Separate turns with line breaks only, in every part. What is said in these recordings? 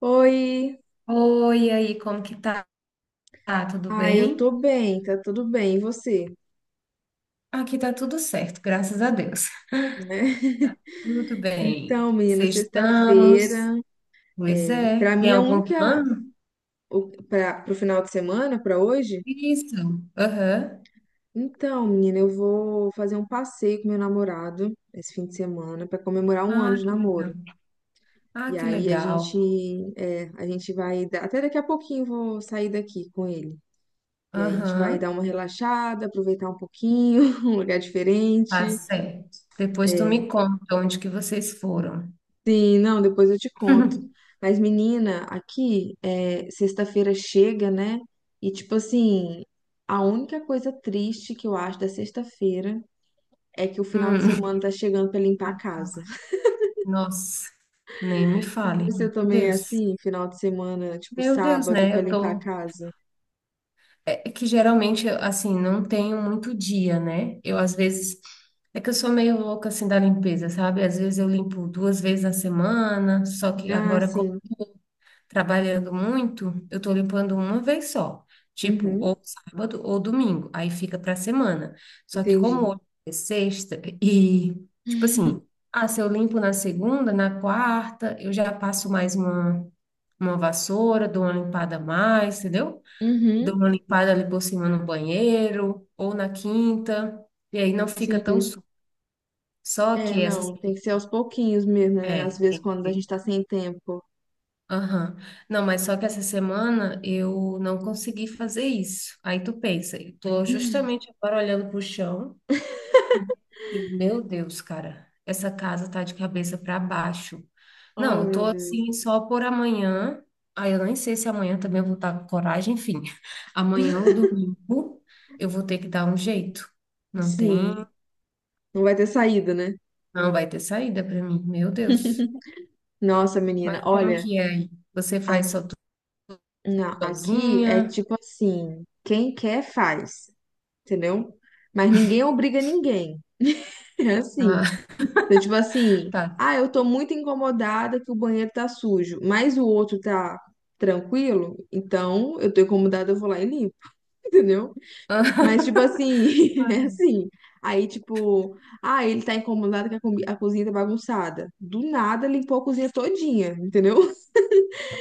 Oi,
Oi, e aí, como que tá? Tá tudo
ai, eu tô
bem?
bem, tá tudo bem, e você?
Aqui tá tudo certo, graças a Deus.
Né?
Tudo bem.
Então, menina,
Sextamos.
sexta-feira,
Pois é.
para
Tem
mim é a
algum
única,
plano?
para pro final de semana, pra hoje.
Isso. Aham.
Então, menina, eu vou fazer um passeio com meu namorado esse fim de semana pra comemorar 1 ano
Ah,
de
que legal.
namoro. E
Ah, que
aí a
legal.
gente, é, a gente vai, dar- até daqui a pouquinho eu vou sair daqui com ele. E aí a gente vai
Aham.
dar uma relaxada, aproveitar um pouquinho, um lugar
Tá
diferente.
certo. Depois tu
é,
me conta onde que vocês foram.
Sim, não, depois eu te conto. Mas, menina, aqui, sexta-feira chega, né? E, tipo assim, a única coisa triste que eu acho da sexta-feira é que o final de
Hum,
semana tá chegando pra limpar a casa.
acaba. Nossa, nem me fale.
Você
Meu
também é
Deus.
assim, final de semana, tipo
Meu Deus,
sábado,
né?
pra
Eu
limpar a
tô.
casa?
É que geralmente, eu, assim, não tenho muito dia, né? Eu, às vezes, é que eu sou meio louca, assim, da limpeza, sabe? Às vezes eu limpo duas vezes na semana, só que
Ah,
agora,
sim.
trabalhando muito, eu tô limpando uma vez só. Tipo,
Uhum,
ou sábado ou domingo, aí fica pra semana. Só que como
entendi.
hoje é sexta e, tipo assim, ah, se eu limpo na segunda, na quarta, eu já passo uma vassoura, dou uma limpada a mais, entendeu? Dou
Uhum,
uma limpada ali por cima no banheiro ou na quinta, e aí não fica tão
sim.
sujo. Só
É,
que essa.
não, tem que ser aos pouquinhos mesmo, né?
É,
Às vezes,
tem que
quando a gente
ser.
tá sem tempo.
Aham. Não, mas só que essa semana eu não consegui fazer isso. Aí tu pensa, eu tô justamente agora olhando pro chão. E, meu Deus, cara, essa casa tá de cabeça para baixo.
Oh,
Não, eu tô
meu Deus.
assim só por amanhã. Aí eu nem sei se amanhã também eu vou estar com coragem, enfim. Amanhã ou domingo eu vou ter que dar um jeito. Não tem,
Sim, não vai ter saída, né?
não vai ter saída para mim, meu Deus.
Nossa, menina,
Mas como
olha,
que é aí? Você faz
a-
só tudo
não, aqui é
sozinha?
tipo assim, quem quer faz, entendeu? Mas ninguém obriga ninguém. É assim.
Ah,
Então, tipo assim,
tá.
ah, eu tô muito incomodada que o banheiro tá sujo, mas o outro tá tranquilo, então eu tô incomodada, eu vou lá e limpo, entendeu? Mas, tipo assim, é assim. Aí, tipo, ah, ele tá incomodado que a cozinha tá bagunçada. Do nada limpou a cozinha todinha, entendeu?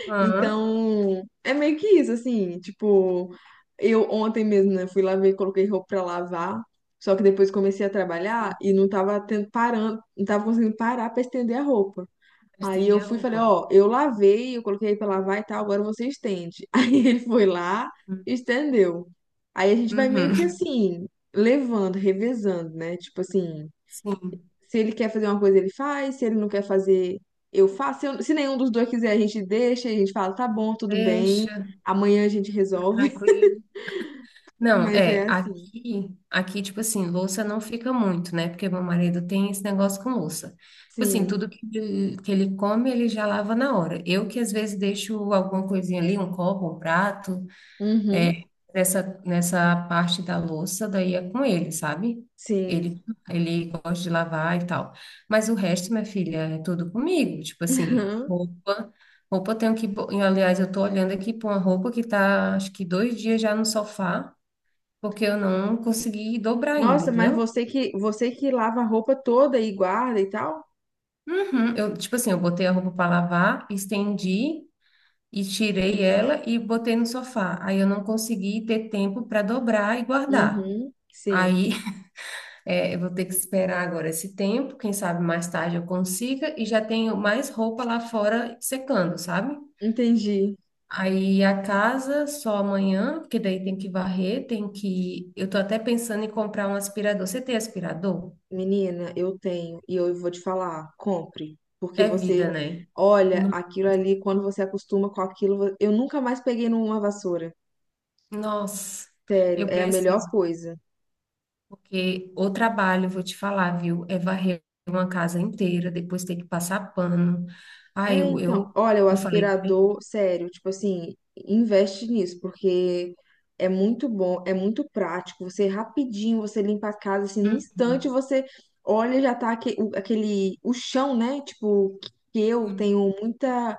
Aham,
Então, é meio que isso, assim, tipo, eu ontem mesmo, né, fui lá ver, coloquei roupa pra lavar, só que depois comecei a trabalhar
sim.
e não tava tendo, parando, não tava conseguindo parar pra estender a roupa. Aí eu
Estender a
fui e falei,
roupa.
ó, eu lavei, eu coloquei pra lavar e tal, agora você estende. Aí ele foi lá e estendeu. Aí a gente vai meio que
Uhum.
assim, levando, revezando, né? Tipo assim,
Sim,
se ele quer fazer uma coisa, ele faz. Se ele não quer fazer, eu faço. Se nenhum dos dois quiser, a gente deixa, a gente fala, tá bom, tudo bem.
deixa,
Amanhã a gente
tá
resolve.
tranquilo. Não,
Mas
é,
é assim.
tipo assim, louça não fica muito, né? Porque meu marido tem esse negócio com louça. Tipo assim,
Sim.
tudo que ele come, ele já lava na hora. Eu que às vezes deixo alguma coisinha ali, um copo, um prato, é,
Uhum.
nessa parte da louça, daí é com ele, sabe?
Sim.
Ele, ele gosta de lavar e tal. Mas o resto, minha filha, é tudo comigo. Tipo assim,
Uhum.
roupa eu tenho que. Aliás, eu tô olhando aqui pra uma roupa que tá, acho que dois dias já no sofá porque eu não consegui dobrar ainda,
Nossa, mas
entendeu?
você que lava a roupa toda e guarda e tal?
Uhum. Eu, tipo assim, eu botei a roupa para lavar, estendi e tirei ela e botei no sofá. Aí eu não consegui ter tempo para dobrar e guardar.
Uhum. Sim.
Aí é, eu vou ter que esperar agora esse tempo, quem sabe mais tarde eu consiga e já tenho mais roupa lá fora secando, sabe?
Entendi.
Aí a casa só amanhã, porque daí tem que varrer, tem que. Eu tô até pensando em comprar um aspirador. Você tem aspirador?
Menina, eu tenho e eu vou te falar, compre, porque
É vida,
você
né?
olha aquilo ali, quando você acostuma com aquilo, eu nunca mais peguei numa vassoura.
Nossa,
Sério,
eu
é a melhor
preciso,
coisa.
porque o trabalho, vou te falar, viu? É varrer uma casa inteira, depois ter que passar pano. Ai,
É, então, olha, o
eu falei pra ele.
aspirador, sério, tipo assim, investe nisso, porque é muito bom, é muito prático. Você rapidinho, você limpa a casa, assim, no instante
Uhum,
você olha, já tá aquele, o chão, né? Tipo, que eu
sim,
tenho muita.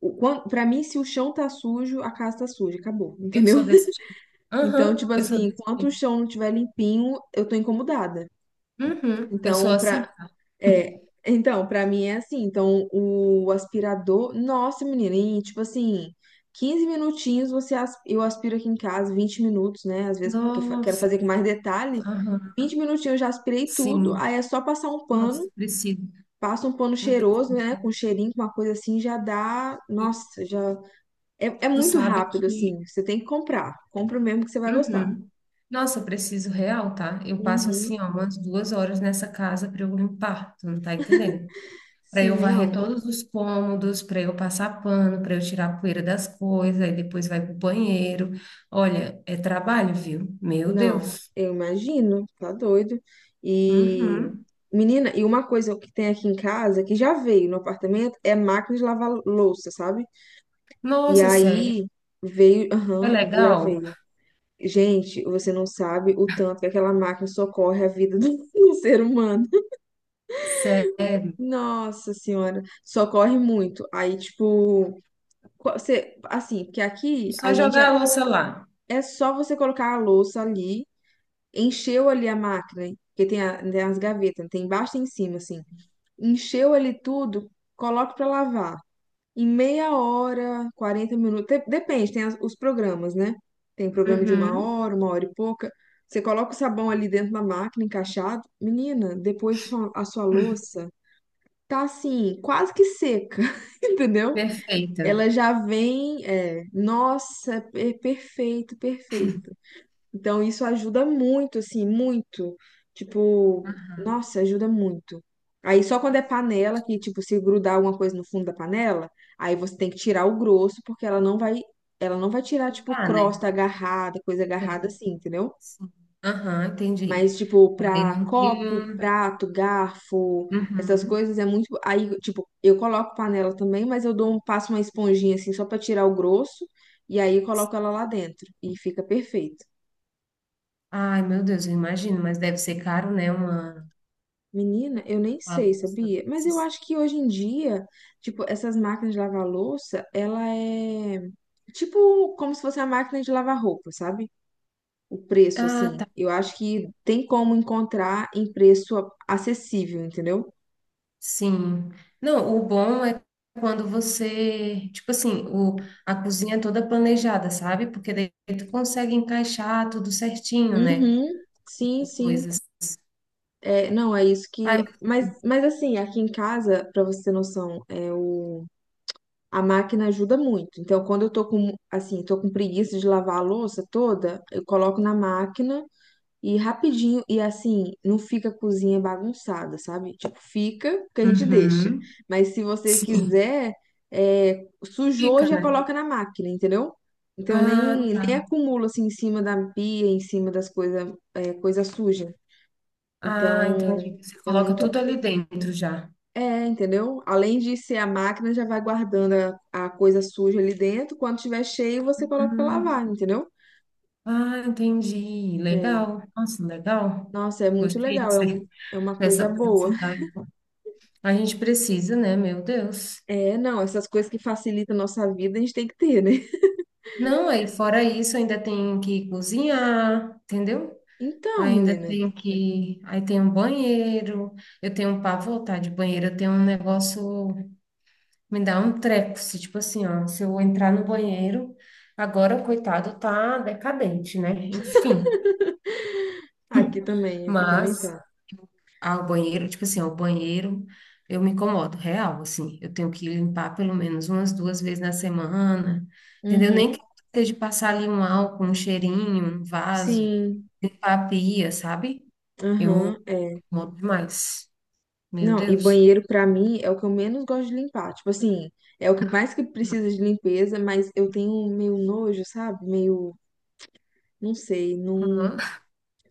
Pra mim, se o chão tá sujo, a casa tá suja, acabou,
eu
entendeu?
sou desse tipo.
Então,
Aham,
tipo
eu sou
assim,
desse
enquanto o
tipo.
chão não tiver limpinho, eu tô incomodada.
Uhum, eu sou
Então,
assim,
pra
tá?
É, então, pra mim é assim. Então, o aspirador, nossa, menina, em tipo assim, 15 minutinhos eu aspiro aqui em casa, 20 minutos, né? Às vezes porque quero
Nossa,
fazer com mais detalhe.
aham,
20 minutinhos eu já aspirei tudo,
sim.
aí é só passar um pano,
Nossa, preciso.
passa um pano
Não
cheiroso,
preciso.
né? Com
Né?
cheirinho, com uma coisa assim, já dá.
E
Nossa, já. É, é
tu
muito
sabe
rápido,
que.
assim. Você tem que comprar. Compra o mesmo que você vai gostar.
Uhum. Nossa, eu preciso real, tá? Eu passo
Uhum.
assim, ó, umas duas horas nessa casa para eu limpar, tu não tá entendendo? Para eu
Sim,
varrer
não.
todos os cômodos, para eu passar pano, para eu tirar a poeira das coisas, aí depois vai pro banheiro. Olha, é trabalho, viu? Meu
Não,
Deus.
eu imagino, tá doido. E,
Uhum.
menina, e uma coisa que tem aqui em casa, que já veio no apartamento, é máquina de lavar louça, sabe? E
Nossa, sério?
aí veio,
É
aham, já
legal?
veio. Gente, você não sabe o tanto que aquela máquina socorre a vida do, do ser humano.
Sério?
Nossa Senhora, socorre muito. Aí, tipo, você, assim, porque aqui a
Só
gente
jogar a
é,
louça lá.
é só você colocar a louça ali. Encheu ali a máquina, hein? Porque tem as gavetas, tem embaixo e em cima, assim. Encheu ali tudo, coloca pra lavar. Em meia hora, 40 minutos, depende, tem os programas, né? Tem programa de uma
Uhum.
hora, 1 hora e pouca. Você coloca o sabão ali dentro da máquina, encaixado. Menina, depois a sua louça tá assim, quase que seca, entendeu?
Perfeita.
Ela já vem, é, nossa, é perfeito, perfeito. Então, isso ajuda muito, assim, muito. Tipo,
Aham.
nossa, ajuda muito. Aí, só quando é panela, que, tipo, se grudar alguma coisa no fundo da panela, aí você tem que tirar o grosso, porque ela não vai tirar, tipo,
Tá, né?
crosta agarrada, coisa
É.
agarrada assim, entendeu?
Sim. Aham, entendi.
Mas, tipo,
Aí
pra
não tem
copo,
um.
prato, garfo, essas
Uhum.
coisas é muito. Aí, tipo, eu coloco panela também, mas passo uma esponjinha, assim, só pra tirar o grosso, e aí eu coloco ela lá dentro, e fica perfeito.
Ai, meu Deus, eu imagino, mas deve ser caro, né?
Menina, eu nem
Uma
sei,
louça
sabia? Mas eu
desses.
acho que hoje em dia, tipo, essas máquinas de lavar louça, ela é tipo como se fosse a máquina de lavar roupa, sabe? O preço,
Ah,
assim.
tá.
Eu acho que tem como encontrar em preço acessível, entendeu?
Sim. Não, o bom é quando você, tipo assim, o, a cozinha é toda planejada, sabe? Porque daí tu consegue encaixar tudo certinho, né?
Uhum, sim, sim.
Coisas.
É, não, é isso
Ai,
que. Mas, assim, aqui em casa, pra você ter noção, a máquina ajuda muito. Então, quando eu tô com preguiça de lavar a louça toda, eu coloco na máquina. E rapidinho, e assim, não fica a cozinha bagunçada, sabe? Tipo, fica que a gente deixa.
uhum.
Mas se você
Sim.
quiser, sujou,
Fica,
já
né?
coloca na máquina, entendeu? Então
Ah,
nem,
tá.
nem acumula assim em cima da pia, em cima das coisas, coisa suja.
Ah,
Então
entendi. Você
é
coloca
muito.
tudo ali dentro já.
É, entendeu? Além de ser a máquina, já vai guardando a coisa suja ali dentro. Quando tiver cheio, você coloca pra
Hum,
lavar, entendeu?
ah, entendi.
É.
Legal. Nossa, legal.
Nossa, é muito
Gostei
legal. É,
disso aí,
um, é uma coisa
dessa
boa.
praticidade. A gente precisa, né? Meu Deus.
É, não, essas coisas que facilitam a nossa vida, a gente tem que ter, né?
Não, aí fora isso, ainda tem que cozinhar, entendeu?
Então,
Ainda
menina,
tem que. Aí tem um banheiro. Eu tenho um pavor, tá? De banheiro, eu tenho um negócio. Me dá um treco. Se, tipo assim, ó, se eu entrar no banheiro, agora, coitado, tá decadente, né? Enfim.
aqui também
Mas.
tá.
Ao banheiro, eu me incomodo, real, assim. Eu tenho que limpar pelo menos umas duas vezes na semana, entendeu? Nem que
Uhum.
seja passar ali um álcool, um cheirinho, um vaso,
Sim,
limpar a pia, sabe?
aham,
Eu
é.
incomodo demais. Meu
Não, e
Deus.
banheiro pra mim é o que eu menos gosto de limpar. Tipo assim, é o que mais que precisa de limpeza, mas eu tenho meio nojo, sabe? Meio, não sei, não.
Aham.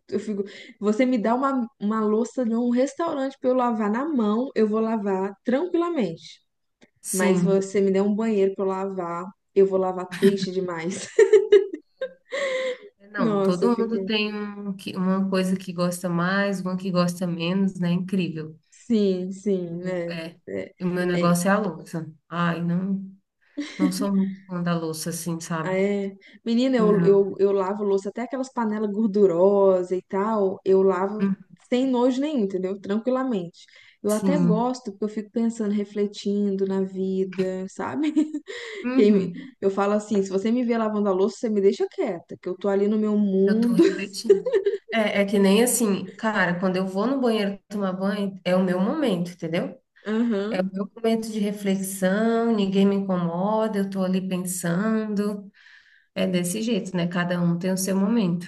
Eu fico. Você me dá uma louça de um restaurante pra eu lavar na mão, eu vou lavar tranquilamente. Mas se
Sim.
você me der um banheiro pra eu lavar, eu vou lavar triste demais.
Não,
Nossa,
todo mundo
fico.
tem um, uma coisa que gosta mais, uma que gosta menos, né? Incrível.
Sim, sim, né?
É,
É,
e o meu
é,
negócio é a louça. Ai, não, não sou muito fã da louça, assim, sabe?
é. Menina, eu,
Não.
eu, eu lavo louça, até aquelas panelas gordurosas e tal, eu lavo
Hum,
sem nojo nenhum, entendeu? Tranquilamente. Eu até
sim.
gosto, porque eu fico pensando, refletindo na vida, sabe? Quem me-
Uhum.
Eu falo assim: se você me vê lavando a louça, você me deixa quieta, que eu tô ali no meu
Eu tô
mundo.
refletindo. É, é que nem assim, cara, quando eu vou no banheiro tomar banho, é o meu momento, entendeu? É o
Aham,
meu momento de reflexão, ninguém me incomoda, eu tô ali pensando. É desse jeito, né? Cada um tem o seu momento.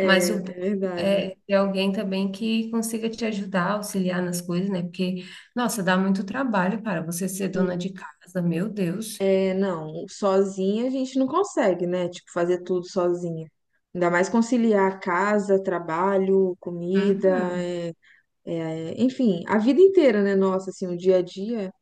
Mas
é
o bom
verdade.
é ter alguém também que consiga te ajudar, auxiliar nas coisas, né? Porque, nossa, dá muito trabalho, cara, você ser dona de casa, meu Deus.
É, não, sozinha a gente não consegue, né? Tipo, fazer tudo sozinha. Ainda mais conciliar casa, trabalho, comida,
Uhum.
é, enfim, a vida inteira, né? Nossa, assim, o dia a dia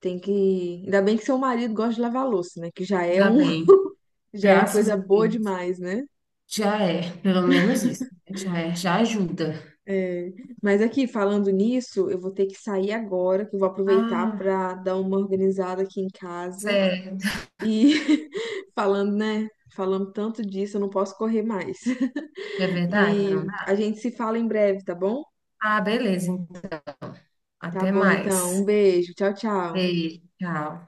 tem que. Ainda bem que seu marido gosta de lavar louça, né? Que já é
Dá
um,
bem.
já é uma
Graças
coisa
a
boa
Deus.
demais, né?
Já é, pelo menos isso. Já é, já ajuda.
É, mas aqui, falando nisso, eu vou ter que sair agora, que eu vou aproveitar
Ah,
para dar uma organizada aqui em casa.
certo.
E falando, né? Falando tanto disso, eu não posso correr mais.
É verdade,
E
não
a
dá?
gente se fala em breve, tá bom?
Ah, beleza. Então.
Tá
Até
bom, então. Um
mais.
beijo. Tchau, tchau.
Beijo, tchau.